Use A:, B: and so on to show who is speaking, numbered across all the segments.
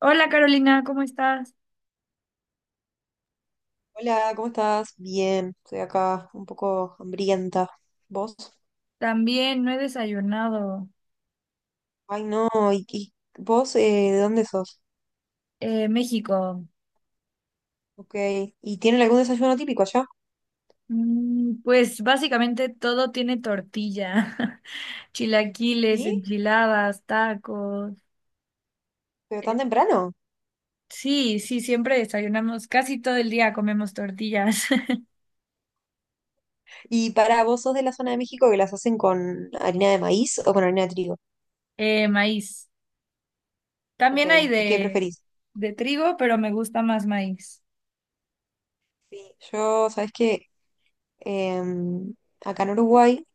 A: Hola Carolina, ¿cómo estás?
B: Hola, ¿cómo estás? Bien, estoy acá un poco hambrienta. ¿Vos?
A: También no he desayunado.
B: Ay, no, ¿y vos de dónde sos?
A: México.
B: Ok, ¿y tienen algún desayuno típico allá?
A: Pues básicamente todo tiene tortilla. Chilaquiles,
B: ¿Sí?
A: enchiladas, tacos.
B: ¿Pero
A: Eh,
B: tan temprano?
A: sí, sí, siempre desayunamos. Casi todo el día comemos tortillas.
B: ¿Y para vos sos de la zona de México que las hacen con harina de maíz o con harina de trigo?
A: Maíz.
B: Ok,
A: También hay
B: ¿y qué
A: de,
B: preferís?
A: de trigo, pero me gusta más maíz.
B: Sí, yo, ¿sabés qué? Em, Acá en Uruguay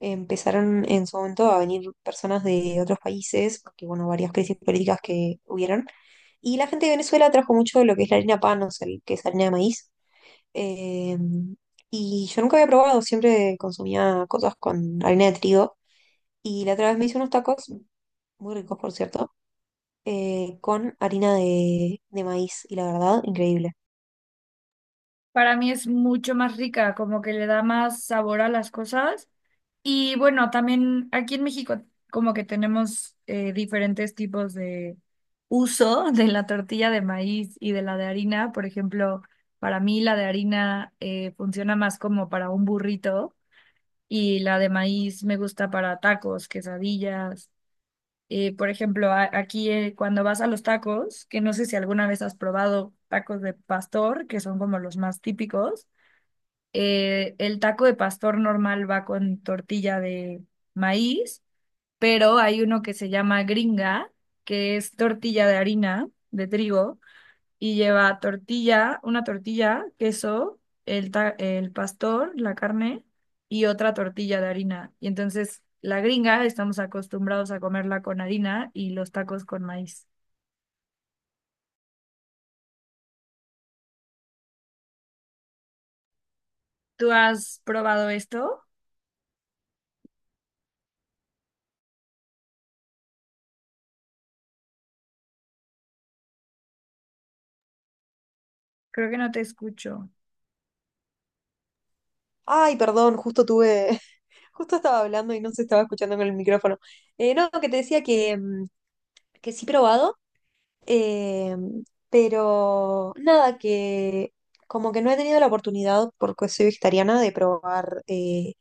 B: empezaron en su momento a venir personas de otros países, porque bueno, varias crisis políticas que hubieron. Y la gente de Venezuela trajo mucho lo que es la harina pan, o sea, el- que es harina de maíz. Eh, y yo nunca había probado, siempre consumía cosas con harina de trigo. Y la otra vez me hice unos tacos, muy ricos por cierto, con harina de maíz. Y la verdad, increíble.
A: Para mí es mucho más rica, como que le da más sabor a las cosas. Y bueno, también aquí en México como que tenemos diferentes tipos de uso de la tortilla de maíz y de la de harina. Por ejemplo, para mí la de harina funciona más como para un burrito y la de maíz me gusta para tacos, quesadillas. Por ejemplo, aquí cuando vas a los tacos, que no sé si alguna vez has probado tacos de pastor, que son como los más típicos, el taco de pastor normal va con tortilla de maíz, pero hay uno que se llama gringa, que es tortilla de harina, de trigo, y lleva tortilla, una tortilla, queso, el pastor, la carne, y otra tortilla de harina. Y entonces la gringa estamos acostumbrados a comerla con harina y los tacos con maíz. ¿Tú has probado esto? Creo que no te escucho.
B: Ay, perdón, justo tuve, justo estaba hablando y no se estaba escuchando con el micrófono. No, que te decía que, que sí he probado. Eh, pero nada, que como que no he tenido la oportunidad, porque soy vegetariana, de probar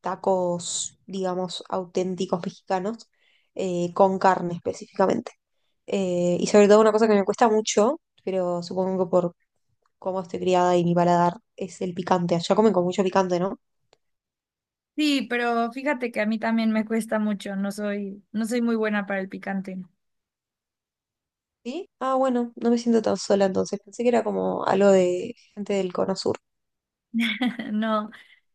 B: tacos, digamos, auténticos mexicanos, con carne específicamente. Y sobre todo una cosa que me cuesta mucho, pero supongo que por cómo estoy criada y mi paladar, es el picante. Allá comen con mucho picante, ¿no?
A: Sí, pero fíjate que a mí también me cuesta mucho, no soy muy buena para el picante.
B: ¿Sí? Ah, bueno, no me siento tan sola entonces. Pensé que era como algo de gente del Cono Sur.
A: No,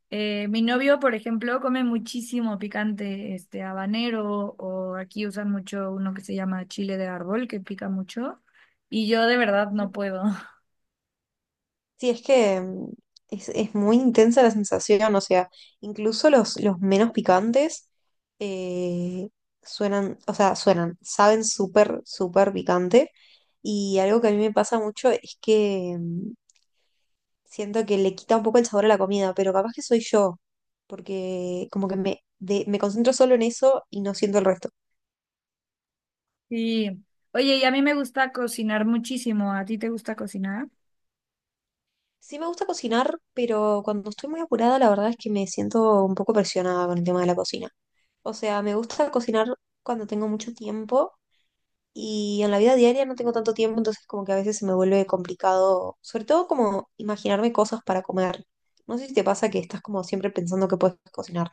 A: mi novio, por ejemplo, come muchísimo picante, este habanero, o aquí usan mucho uno que se llama chile de árbol, que pica mucho, y yo de verdad no
B: Ujú.
A: puedo.
B: Sí, es que es muy intensa la sensación, o sea, incluso los menos picantes eh, suenan, o sea, suenan, saben súper, súper picante. Y algo que a mí me pasa mucho es que siento que le quita un poco el sabor a la comida, pero capaz que soy yo, porque como que me concentro solo en eso y no siento el resto.
A: Sí. Oye, y a mí me gusta cocinar muchísimo, ¿a ti te gusta cocinar?
B: Sí me gusta cocinar, pero cuando estoy muy apurada, la verdad es que me siento un poco presionada con el tema de la cocina. O sea, me gusta cocinar cuando tengo mucho tiempo y en la vida diaria no tengo tanto tiempo, entonces como que a veces se me vuelve complicado, sobre todo como imaginarme cosas para comer. No sé si te pasa que estás como siempre pensando que puedes cocinar.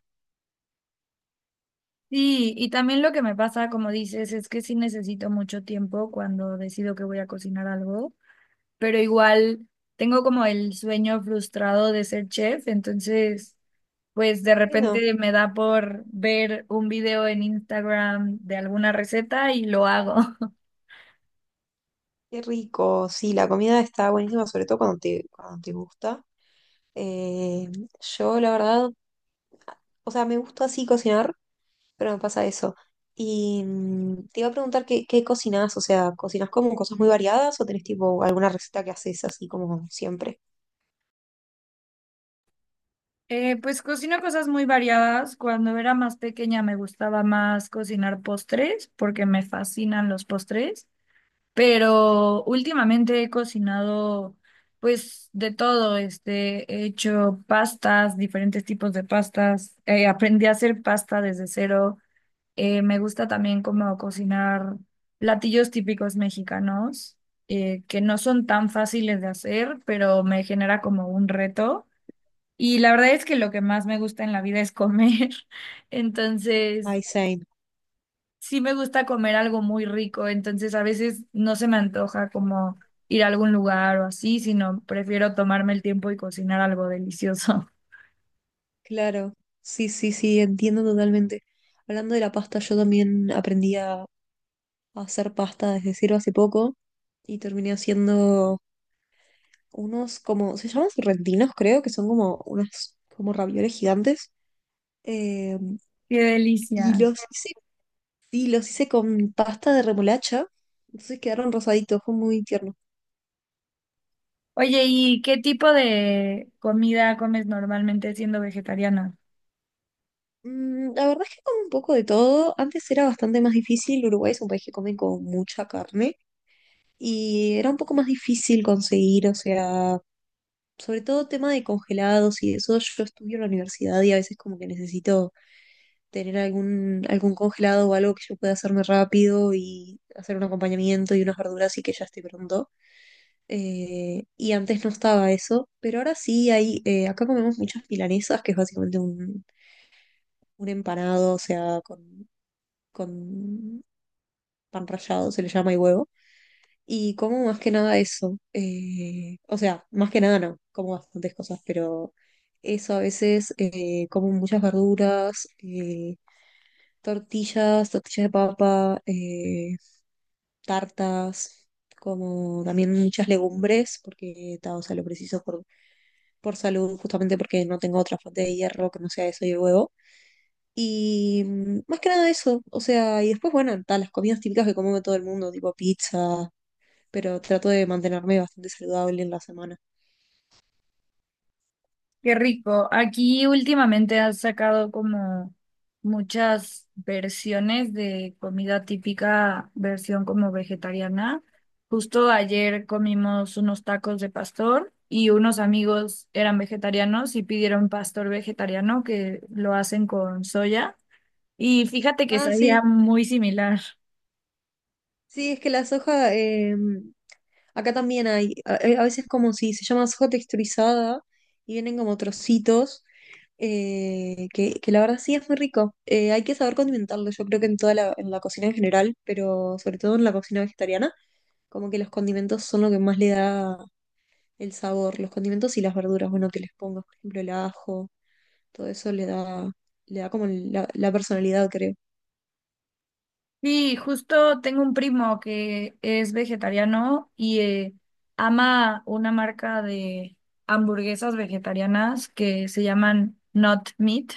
A: Sí, y también lo que me pasa, como dices, es que sí necesito mucho tiempo cuando decido que voy a cocinar algo, pero igual tengo como el sueño frustrado de ser chef, entonces pues de
B: Qué lindo,
A: repente me da por ver un video en Instagram de alguna receta y lo hago.
B: qué rico. Sí, la comida está buenísima, sobre todo cuando te gusta. Eh, yo, la verdad, o sea, me gusta así cocinar pero me pasa eso. Y te iba a preguntar qué cocinas, o sea, ¿cocinas como cosas muy variadas o tenés tipo alguna receta que haces así como siempre?
A: Pues cocino cosas muy variadas. Cuando era más pequeña me gustaba más cocinar postres porque me fascinan los postres. Pero últimamente he cocinado pues de todo, este, he hecho pastas, diferentes tipos de pastas, aprendí a hacer pasta desde cero. Me gusta también como cocinar platillos típicos mexicanos, que no son tan fáciles de hacer, pero me genera como un reto. Y la verdad es que lo que más me gusta en la vida es comer. Entonces
B: Ay, same.
A: sí me gusta comer algo muy rico, entonces a veces no se me antoja como ir a algún lugar o así, sino prefiero tomarme el tiempo y cocinar algo delicioso.
B: Claro. Sí, sí, sí, entiendo totalmente. Hablando de la pasta, yo también aprendí a hacer pasta desde cero hace poco y terminé haciendo unos como, se llaman sorrentinos, creo, que son como unas como ravioles gigantes. Eh,
A: Qué
B: y
A: delicia.
B: los hice. Sí, los hice con pasta de remolacha, entonces quedaron rosaditos, fue muy tierno.
A: Oye, ¿y qué tipo de comida comes normalmente siendo vegetariana?
B: Mm, la verdad es que como un poco de todo, antes era bastante más difícil, Uruguay es un país que come con mucha carne y era un poco más difícil conseguir, o sea, sobre todo tema de congelados y eso, yo estudio en la universidad y a veces como que necesito tener algún congelado o algo que yo pueda hacerme rápido y hacer un acompañamiento y unas verduras y que ya esté pronto. Y antes no estaba eso, pero ahora sí hay, acá comemos muchas milanesas, que es básicamente un empanado, o sea, con pan rallado, se le llama y huevo. Y como más que nada eso, o sea, más que nada no, como bastantes cosas, pero eso a veces como muchas verduras, tortillas, tortillas de papa, tartas, como también muchas legumbres, porque ta, o sea, lo preciso por salud, justamente porque no tengo otra fuente de hierro que no sea eso y el huevo. Y más que nada eso, o sea, y después, bueno, ta, las comidas típicas que come todo el mundo, tipo pizza, pero trato de mantenerme bastante saludable en la semana.
A: Qué rico. Aquí últimamente has sacado como muchas versiones de comida típica, versión como vegetariana. Justo ayer comimos unos tacos de pastor y unos amigos eran vegetarianos y pidieron pastor vegetariano que lo hacen con soya. Y fíjate que
B: Ah,
A: sabía
B: sí,
A: muy similar.
B: sí, es que la soja, acá también hay, a veces como si se llama soja texturizada y vienen como trocitos, que la verdad sí es muy rico. Hay que saber condimentarlo, yo creo que en toda la, en la cocina en general, pero sobre todo en la cocina vegetariana. Como que los condimentos son lo que más le da el sabor. Los condimentos y las verduras, bueno, que les pongas, por ejemplo, el ajo, todo eso le da como la personalidad, creo.
A: Sí, justo tengo un primo que es vegetariano y ama una marca de hamburguesas vegetarianas que se llaman Not Meat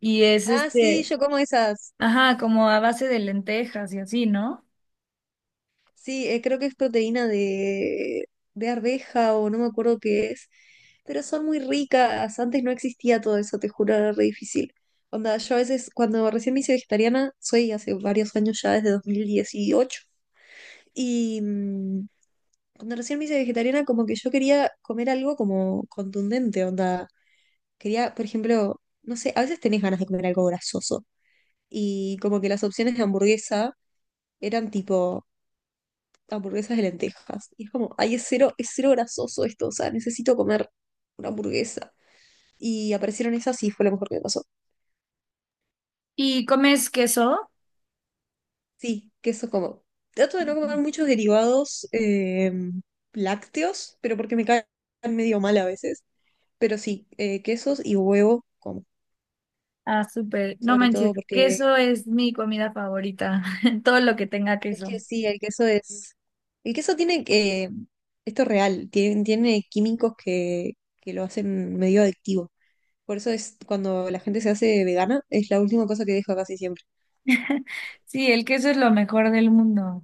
A: y es
B: Ah, sí,
A: este,
B: yo como esas.
A: ajá, como a base de lentejas y así, ¿no?
B: Sí, creo que es proteína de arveja o no me acuerdo qué es, pero son muy ricas. Antes no existía todo eso, te juro, era re difícil. Onda, yo a veces, cuando recién me hice vegetariana, soy hace varios años ya, desde 2018, y cuando recién me hice vegetariana, como que yo quería comer algo como contundente, onda. Quería, por ejemplo, no sé, a veces tenés ganas de comer algo grasoso. Y como que las opciones de hamburguesa eran tipo hamburguesas de lentejas. Y es como, ay, es cero grasoso esto, o sea, necesito comer una hamburguesa. Y aparecieron esas y fue lo mejor que me pasó.
A: ¿Y comes queso?
B: Sí, que eso como. Trato de no comer
A: Ujú.
B: muchos derivados lácteos, pero porque me caen medio mal a veces. Pero sí, quesos y huevo
A: Ah, súper. No
B: sobre
A: manches,
B: todo porque
A: queso es mi comida favorita, todo lo que tenga
B: es que
A: queso.
B: sí, el queso es, el queso tiene que, esto es real, tiene químicos que lo hacen medio adictivo. Por eso es cuando la gente se hace vegana, es la última cosa que deja casi siempre.
A: Sí, el queso es lo mejor del mundo.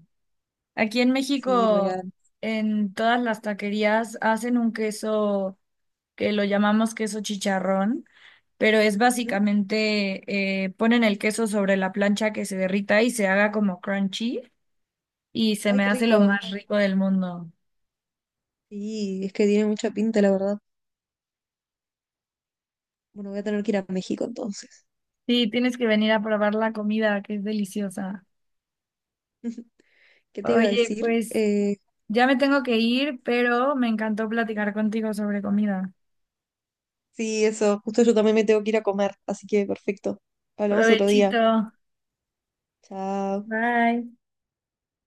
A: Aquí en
B: Sí,
A: México,
B: real.
A: en todas las taquerías hacen un queso que lo llamamos queso chicharrón, pero es
B: Ujú.
A: básicamente, ponen el queso sobre la plancha que se derrita y se haga como crunchy y se
B: Ay,
A: me
B: qué
A: hace lo
B: rico.
A: más rico del mundo.
B: Sí, es que tiene mucha pinta, la verdad. Bueno, voy a tener que ir a México entonces.
A: Sí, tienes que venir a probar la comida, que es deliciosa.
B: ¿Qué te iba a
A: Oye,
B: decir?
A: pues ya me tengo que ir, pero me encantó platicar contigo sobre comida.
B: Sí, eso, justo yo también me tengo que ir a comer, así que perfecto. Hablamos otro día.
A: Provechito.
B: Chao.
A: Bye.